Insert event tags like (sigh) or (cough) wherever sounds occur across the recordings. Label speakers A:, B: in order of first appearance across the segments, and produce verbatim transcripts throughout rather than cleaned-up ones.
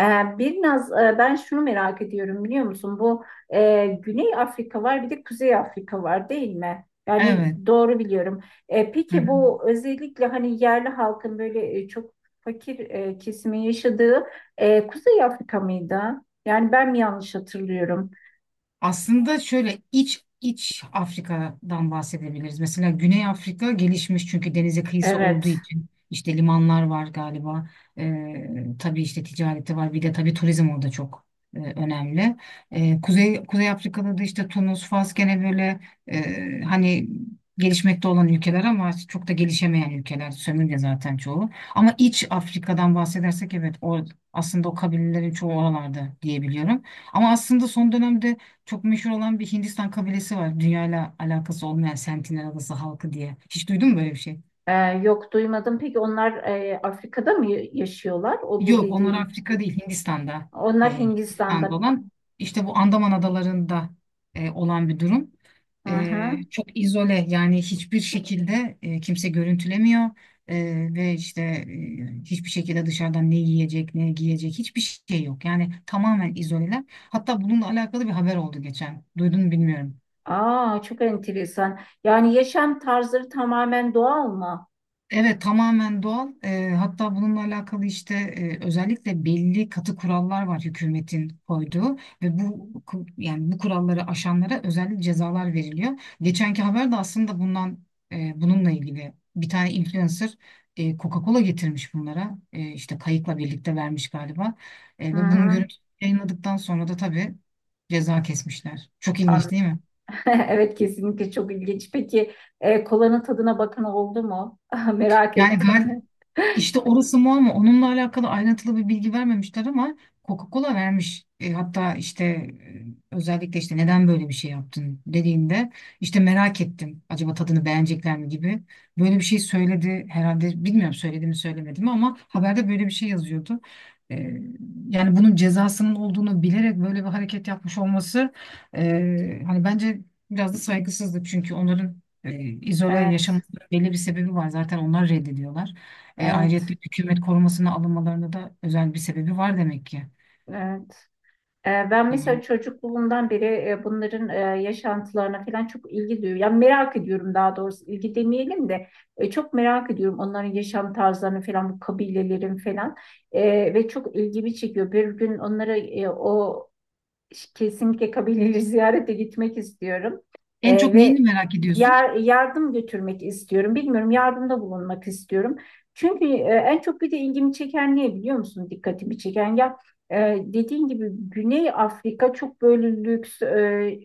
A: Ee, Biraz e, ben şunu merak ediyorum biliyor musun? Bu e, Güney Afrika var, bir de Kuzey Afrika var değil mi? Yani
B: Evet.
A: doğru biliyorum. E,
B: Hı
A: peki
B: hı.
A: bu özellikle hani yerli halkın böyle e, çok fakir e, kesimin yaşadığı e, Kuzey Afrika mıydı? Yani ben mi yanlış hatırlıyorum?
B: Aslında şöyle iç iç Afrika'dan bahsedebiliriz. Mesela Güney Afrika gelişmiş çünkü denize kıyısı olduğu
A: Evet.
B: için işte limanlar var galiba. Ee, tabii işte ticareti var. Bir de tabii turizm orada çok e, önemli. Ee, Kuzey Kuzey Afrika'da da işte Tunus, Fas gene böyle e, hani gelişmekte olan ülkeler ama çok da gelişemeyen ülkeler. Sömürge zaten çoğu. Ama iç Afrika'dan bahsedersek evet o aslında o kabilelerin çoğu oralarda diyebiliyorum. Ama aslında son dönemde çok meşhur olan bir Hindistan kabilesi var. Dünyayla alakası olmayan Sentinel Adası halkı diye. Hiç duydun mu böyle bir şey?
A: E, Yok, duymadım. Peki onlar e, Afrika'da mı yaşıyorlar? O bu
B: Yok, onlar
A: dediğin.
B: Afrika değil, Hindistan'da. E,
A: Onlar
B: Hindistan'da
A: Hindistan'da.
B: olan işte bu Andaman adalarında e, olan bir durum.
A: Hı
B: E,
A: hı.
B: çok izole yani hiçbir şekilde e, kimse görüntülemiyor. E, Ve işte e, hiçbir şekilde dışarıdan ne yiyecek ne giyecek hiçbir şey yok. Yani tamamen izoleler. Hatta bununla alakalı bir haber oldu geçen. Duydun mu bilmiyorum.
A: Aa, çok enteresan. Yani yaşam tarzları tamamen doğal mı?
B: Evet tamamen doğal. Eee, hatta bununla alakalı işte eee, özellikle belli katı kurallar var hükümetin koyduğu ve bu ku- yani bu kuralları aşanlara özel cezalar veriliyor. Geçenki haber de aslında bundan eee, bununla ilgili bir tane influencer eee, Coca-Cola getirmiş bunlara. Eee, işte kayıkla birlikte vermiş galiba. Eee,
A: Hı
B: ve bunun
A: hı.
B: görüntüsü yayınladıktan sonra da tabii ceza kesmişler. Çok ilginç
A: An-
B: değil mi?
A: (laughs) Evet, kesinlikle çok ilginç. Peki e, kolanın tadına bakın oldu mu? (laughs) Merak
B: Yani gal
A: ettim.
B: İşte orası mu ama onunla alakalı ayrıntılı bir bilgi vermemişler ama Coca-Cola vermiş. E, hatta işte e, özellikle işte neden böyle bir şey yaptın dediğinde işte merak ettim. Acaba tadını beğenecekler mi gibi. Böyle bir şey söyledi herhalde bilmiyorum söyledi mi söylemedi mi ama haberde böyle bir şey yazıyordu. E, Yani bunun cezasının olduğunu bilerek böyle bir hareket yapmış olması e, hani bence biraz da saygısızlık çünkü onların e, izole
A: Evet,
B: yaşaması belli bir sebebi var zaten onlar reddediyorlar. E, ayrıca
A: evet,
B: hükümet korumasına alınmalarında da özel bir sebebi var demek ki.
A: evet. E, ben mesela
B: Yani
A: çocukluğumdan beri e, bunların e, yaşantılarına falan çok ilgi duyuyorum. Yani merak ediyorum, daha doğrusu ilgi demeyelim de e, çok merak ediyorum onların yaşam tarzlarını falan, bu kabilelerin falan. E, ve çok ilgimi çekiyor. Bir gün onlara e, o Kesinlikle kabileleri (laughs) ziyarete gitmek istiyorum.
B: en
A: Ee,
B: çok neyini
A: ve
B: merak ediyorsun?
A: yar- yardım götürmek istiyorum. Bilmiyorum, yardımda bulunmak istiyorum. Çünkü e, en çok bir de ilgimi çeken ne biliyor musun? Dikkatimi çeken ya, e, dediğin gibi Güney Afrika çok böyle lüks, e,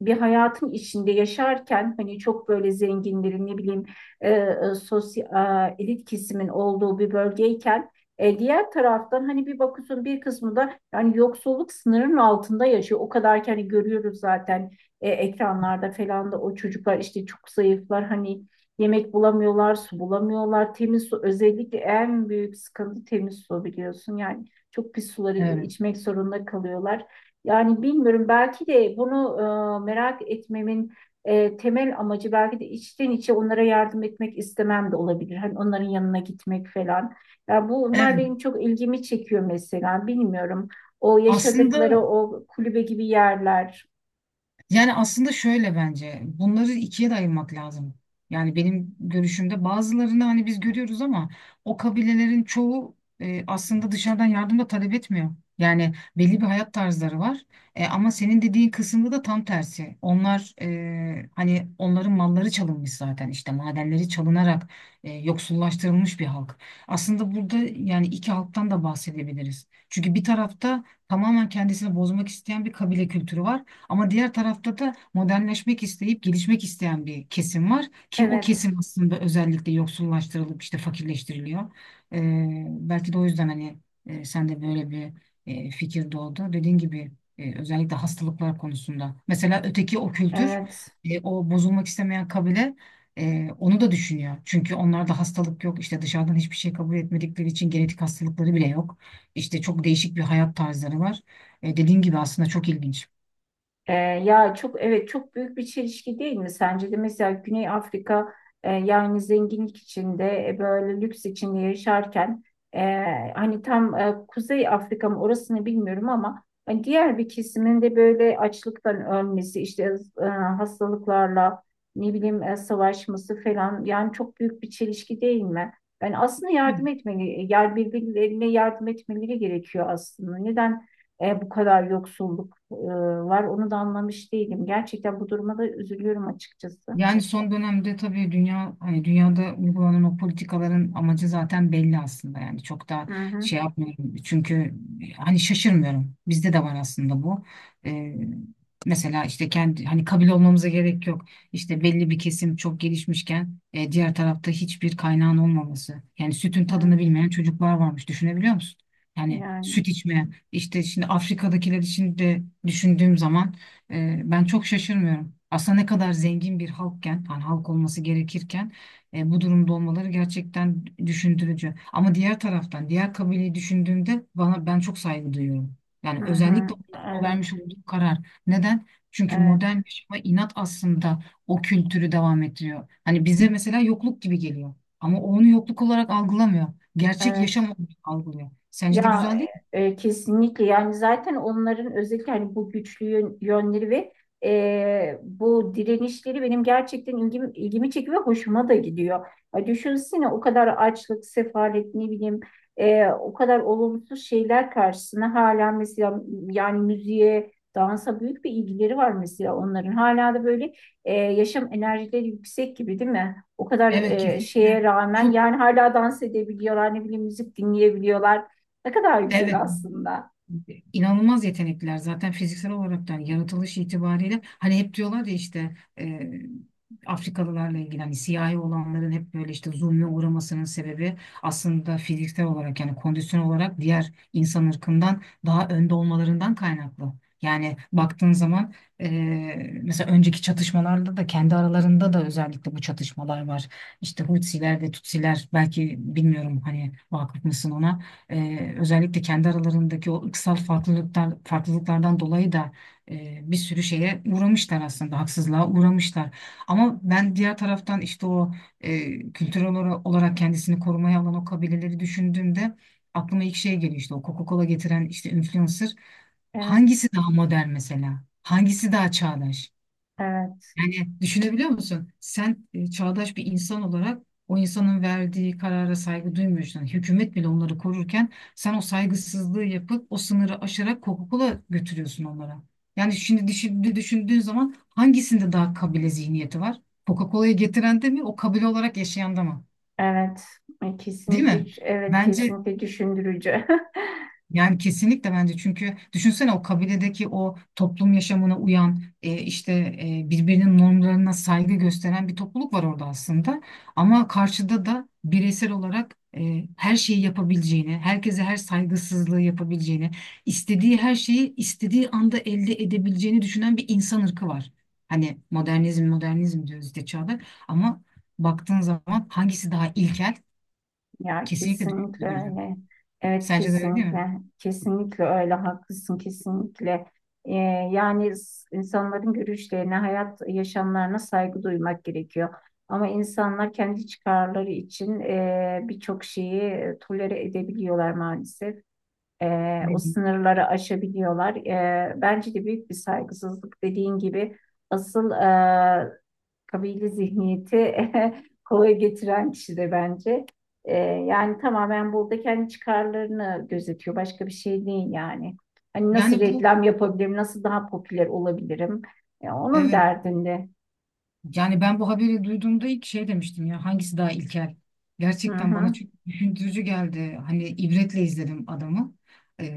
A: bir hayatın içinde yaşarken, hani çok böyle zenginlerin ne bileyim e, e, sosyal, e, elit kesimin olduğu bir bölgeyken, e, diğer taraftan hani bir bakıyorsun bir kısmı da yani yoksulluk sınırının altında yaşıyor. O kadar ki hani görüyoruz zaten e, ekranlarda falan da, o çocuklar işte çok zayıflar hani, yemek bulamıyorlar, su bulamıyorlar. Temiz su özellikle en büyük sıkıntı, temiz su biliyorsun. Yani çok pis suları
B: Evet.
A: içmek zorunda kalıyorlar. Yani bilmiyorum, belki de bunu e, merak etmemin e, temel amacı belki de içten içe onlara yardım etmek istemem de olabilir. Hani onların yanına gitmek falan. Ya bu bunlar
B: Evet.
A: benim çok ilgimi çekiyor mesela. Bilmiyorum. O yaşadıkları
B: Aslında
A: o kulübe gibi yerler.
B: Yani aslında şöyle bence bunları ikiye de ayırmak lazım. Yani benim görüşümde bazılarını hani biz görüyoruz ama o kabilelerin çoğu e, aslında dışarıdan yardım da talep etmiyor. Yani belli bir hayat tarzları var. E, ama senin dediğin kısımda da tam tersi. Onlar e, hani onların malları çalınmış zaten işte madenleri çalınarak e, yoksullaştırılmış bir halk. Aslında burada yani iki halktan da bahsedebiliriz. Çünkü bir tarafta tamamen kendisini bozmak isteyen bir kabile kültürü var. Ama diğer tarafta da modernleşmek isteyip gelişmek isteyen bir kesim var ki o
A: Evet.
B: kesim aslında özellikle yoksullaştırılıp işte fakirleştiriliyor. Ee, belki de o yüzden hani e, sen de böyle bir e, fikir doğdu. Dediğin gibi e, özellikle hastalıklar konusunda. Mesela öteki o kültür,
A: Evet.
B: e, o bozulmak istemeyen kabile e, onu da düşünüyor. Çünkü onlarda hastalık yok. İşte dışarıdan hiçbir şey kabul etmedikleri için genetik hastalıkları bile yok. İşte çok değişik bir hayat tarzları var. E, dediğin gibi aslında çok ilginç.
A: Ee, ya çok, evet, çok büyük bir çelişki değil mi sence de? Mesela Güney Afrika, e, yani zenginlik içinde, e, böyle lüks içinde yaşarken, e, hani tam e, Kuzey Afrika mı, orasını bilmiyorum, ama hani diğer bir kesimin de böyle açlıktan ölmesi işte, e, hastalıklarla ne bileyim e, savaşması falan, yani çok büyük bir çelişki değil mi? Ben aslında yardım etmeli, yer birbirlerine yardım etmeleri gerekiyor aslında. Neden e, bu kadar yoksulluk? e, var? Onu da anlamış değilim. Gerçekten bu duruma da üzülüyorum açıkçası.
B: Yani son dönemde tabii dünya hani dünyada uygulanan o politikaların amacı zaten belli aslında yani çok da
A: Hı hı.
B: şey yapmıyorum çünkü hani şaşırmıyorum bizde de var aslında bu. Ee, Mesela işte kendi hani kabile olmamıza gerek yok işte belli bir kesim çok gelişmişken e, diğer tarafta hiçbir kaynağın olmaması yani sütün
A: Evet,
B: tadını bilmeyen çocuklar varmış düşünebiliyor musun? Yani
A: yani.
B: süt içmeyen işte şimdi Afrika'dakiler için de düşündüğüm zaman e, ben çok şaşırmıyorum. Aslında ne kadar zengin bir halkken, hani halk olması gerekirken e, bu durumda olmaları gerçekten düşündürücü. Ama diğer taraftan, diğer kabileyi düşündüğümde bana ben çok saygı duyuyorum. Yani
A: Hı hı.
B: özellikle onların o
A: Evet,
B: vermiş olduğu karar. Neden? Çünkü
A: evet,
B: modern yaşama inat aslında o kültürü devam ettiriyor. Hani bize mesela yokluk gibi geliyor. Ama o onu yokluk olarak algılamıyor. Gerçek yaşam
A: evet.
B: olarak algılıyor. Sence de
A: Ya
B: güzel değil mi?
A: e, kesinlikle, yani zaten onların özellikle hani bu güçlü yön- yönleri ve e, bu direnişleri benim gerçekten ilgimi, ilgimi çekiyor ve hoşuma da gidiyor. Ya düşünsene, o kadar açlık, sefalet, ne bileyim e, o kadar olumsuz şeyler karşısına, hala mesela yani müziğe, dansa büyük bir ilgileri var mesela onların. Hala da böyle e, yaşam enerjileri yüksek gibi, değil mi? O kadar
B: Evet
A: e,
B: kesinlikle.
A: şeye rağmen
B: Çok
A: yani hala dans edebiliyorlar, ne bileyim müzik dinleyebiliyorlar. Ne kadar güzel
B: evet
A: aslında.
B: inanılmaz yetenekliler zaten fiziksel olarak da yani yaratılış itibariyle hani hep diyorlar ya işte e, Afrikalılarla ilgili hani siyahi olanların hep böyle işte zulme uğramasının sebebi aslında fiziksel olarak yani kondisyon olarak diğer insan ırkından daha önde olmalarından kaynaklı. Yani baktığın zaman e, mesela önceki çatışmalarda da kendi aralarında da özellikle bu çatışmalar var. İşte Hutsiler ve Tutsiler belki bilmiyorum hani vakıf mısın ona. Ee, özellikle kendi aralarındaki o ırksal farklılıklar, farklılıklardan dolayı da e, bir sürü şeye uğramışlar aslında, haksızlığa uğramışlar. Ama ben diğer taraftan işte o e, kültürel ola- olarak kendisini korumaya alan o kabileleri düşündüğümde aklıma ilk şey geliyor işte o Coca-Cola getiren işte influencer.
A: Evet,
B: Hangisi daha modern mesela? Hangisi daha çağdaş?
A: evet,
B: Yani düşünebiliyor musun? Sen e, çağdaş bir insan olarak o insanın verdiği karara saygı duymuyorsun. Yani hükümet bile onları korurken sen o saygısızlığı yapıp o sınırı aşarak Coca-Cola götürüyorsun onlara. Yani şimdi düşün- düşündüğün zaman hangisinde daha kabile zihniyeti var? Coca-Cola'yı getiren de mi, o kabile olarak yaşayan da mı?
A: evet. E,
B: Değil mi?
A: Kesinlikle, evet,
B: Bence
A: kesinlikle düşündürücü. (laughs)
B: Yani kesinlikle bence çünkü düşünsene o kabiledeki o toplum yaşamına uyan e, işte e, birbirinin normlarına saygı gösteren bir topluluk var orada aslında. Ama karşıda da bireysel olarak e, her şeyi yapabileceğini, herkese her saygısızlığı yapabileceğini, istediği her şeyi istediği anda elde edebileceğini düşünen bir insan ırkı var. Hani modernizm modernizm diyoruz işte çağda ama baktığın zaman hangisi daha ilkel?
A: Ya
B: Kesinlikle
A: kesinlikle
B: düşünce gücü.
A: öyle. Evet,
B: Sence de öyle değil mi?
A: kesinlikle, kesinlikle öyle. Haklısın, kesinlikle. E, Yani s- insanların görüşlerine, hayat yaşamlarına saygı duymak gerekiyor. Ama insanlar kendi çıkarları için e, birçok şeyi tolere edebiliyorlar maalesef. E, o
B: Bilmiyorum.
A: sınırları aşabiliyorlar. E, bence de büyük bir saygısızlık, dediğin gibi. Asıl e, kabile zihniyeti (laughs) kolay getiren kişi de bence. E, yani tamamen burada kendi çıkarlarını gözetiyor. Başka bir şey değil yani. Hani nasıl
B: Yani bu
A: reklam yapabilirim, nasıl daha popüler olabilirim? E, onun
B: Evet.
A: derdinde.
B: Yani ben bu haberi duyduğumda ilk şey demiştim ya hangisi daha ilkel?
A: Hı
B: Gerçekten bana
A: hı,
B: çok düşündürücü geldi. Hani ibretle izledim adamı.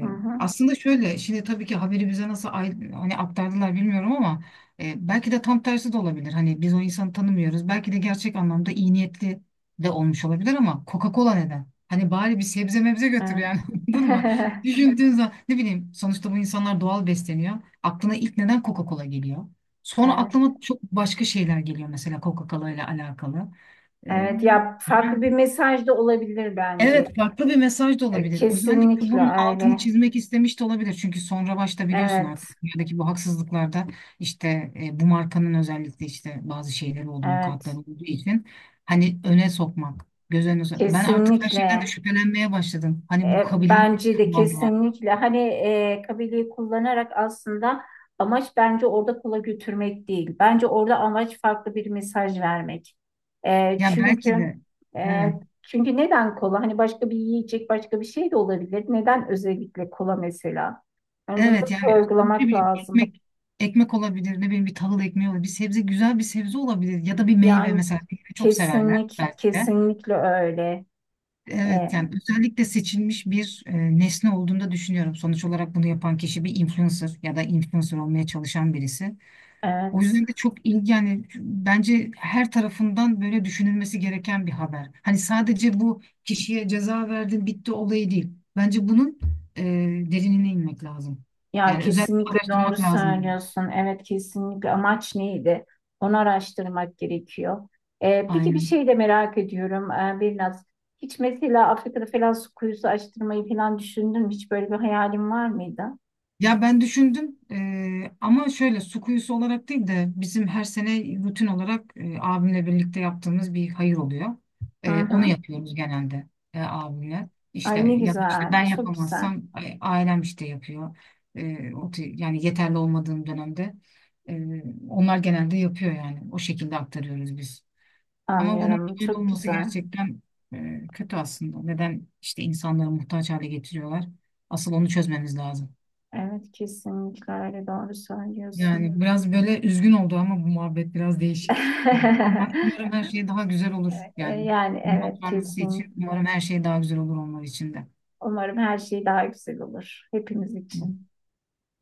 A: hı hı.
B: Aslında şöyle şimdi tabii ki haberi bize nasıl ay- hani aktardılar bilmiyorum ama e, belki de tam tersi de olabilir. Hani biz o insanı tanımıyoruz. Belki de gerçek anlamda iyi niyetli de olmuş olabilir ama Coca-Cola neden? Hani bari bir sebze mebze götür
A: Evet.
B: yani (laughs) anladın mı?
A: (laughs)
B: Düşündüğün zaman ne bileyim sonuçta bu insanlar doğal besleniyor. Aklına ilk neden Coca-Cola geliyor? Sonra
A: Evet.
B: aklıma çok başka şeyler geliyor mesela Coca-Cola ile alakalı. Ee,
A: Evet ya, farklı
B: Yani
A: bir mesaj da olabilir bence.
B: evet farklı bir mesaj da
A: E,
B: olabilir. Özellikle
A: Kesinlikle
B: bunun altını
A: öyle.
B: çizmek istemiş de olabilir. Çünkü sonra başta biliyorsun
A: Evet,
B: artık dünyadaki bu haksızlıklarda işte e, bu markanın özellikle işte bazı şeyleri olduğu, mukatları
A: evet.
B: olduğu için hani öne sokmak, göz önüne sok- ben artık her şeyden de
A: Kesinlikle.
B: şüphelenmeye başladım. Hani bu
A: E,
B: kabiliği
A: bence de
B: kullandılar.
A: kesinlikle. Hani e, kabileyi kullanarak, aslında amaç bence orada kola götürmek değil. Bence orada amaç farklı bir mesaj vermek. E,
B: Ya belki
A: çünkü
B: de
A: e,
B: evet.
A: çünkü neden kola? Hani başka bir yiyecek, başka bir şey de olabilir. Neden özellikle kola mesela? Yani bunu da
B: Evet yani e, ne
A: sorgulamak
B: bileyim
A: lazım.
B: ekmek ekmek olabilir ne bileyim bir tahıl ekmeği olabilir bir sebze güzel bir sebze olabilir ya da bir meyve
A: Yani
B: mesela meyve çok severler
A: kesinlik,
B: belki de.
A: kesinlikle öyle.
B: Evet
A: E,
B: yani özellikle seçilmiş bir e, nesne olduğunu da düşünüyorum. Sonuç olarak bunu yapan kişi bir influencer ya da influencer olmaya çalışan birisi. O
A: evet.
B: yüzden de çok ilgi yani bence her tarafından böyle düşünülmesi gereken bir haber. Hani sadece bu kişiye ceza verdin bitti olayı değil. Bence bunun e, derinine inmek lazım.
A: Ya
B: Yani özellikle
A: kesinlikle doğru
B: araştırmak lazım.
A: söylüyorsun. Evet, kesinlikle, amaç neydi? Onu araştırmak gerekiyor. Ee, peki bir
B: Aynen.
A: şey de merak ediyorum, ee, Birnaz. Hiç mesela Afrika'da falan su kuyusu açtırmayı falan düşündün mü? Hiç böyle bir hayalin var mıydı?
B: Ya ben düşündüm eee, ama şöyle su kuyusu olarak değil de bizim her sene rutin olarak eee, abimle birlikte yaptığımız bir hayır oluyor.
A: Hı
B: Eee, onu
A: hı.
B: yapıyoruz genelde eee, abimle.
A: Ay
B: İşte
A: ne
B: ya da işte
A: güzel,
B: ben
A: çok güzel.
B: yapamazsam a- ailem işte yapıyor. Eee, o tür- yani yeterli olmadığım dönemde eee, onlar genelde yapıyor yani. O şekilde aktarıyoruz biz. Ama bunun
A: Anlıyorum,
B: böyle
A: çok
B: olması
A: güzel.
B: gerçekten eee, kötü aslında. Neden işte insanları muhtaç hale getiriyorlar? Asıl onu çözmemiz lazım.
A: Evet, kesinlikle öyle, doğru söylüyorsun.
B: Yani biraz böyle üzgün oldu ama bu muhabbet biraz değişik. Ama umarım her
A: (laughs)
B: şey daha güzel olur
A: Ee,
B: yani.
A: Yani
B: Bundan
A: evet,
B: sonrası için
A: kesin.
B: umarım her şey daha güzel olur onlar için de.
A: Umarım her şey daha güzel olur hepimiz için.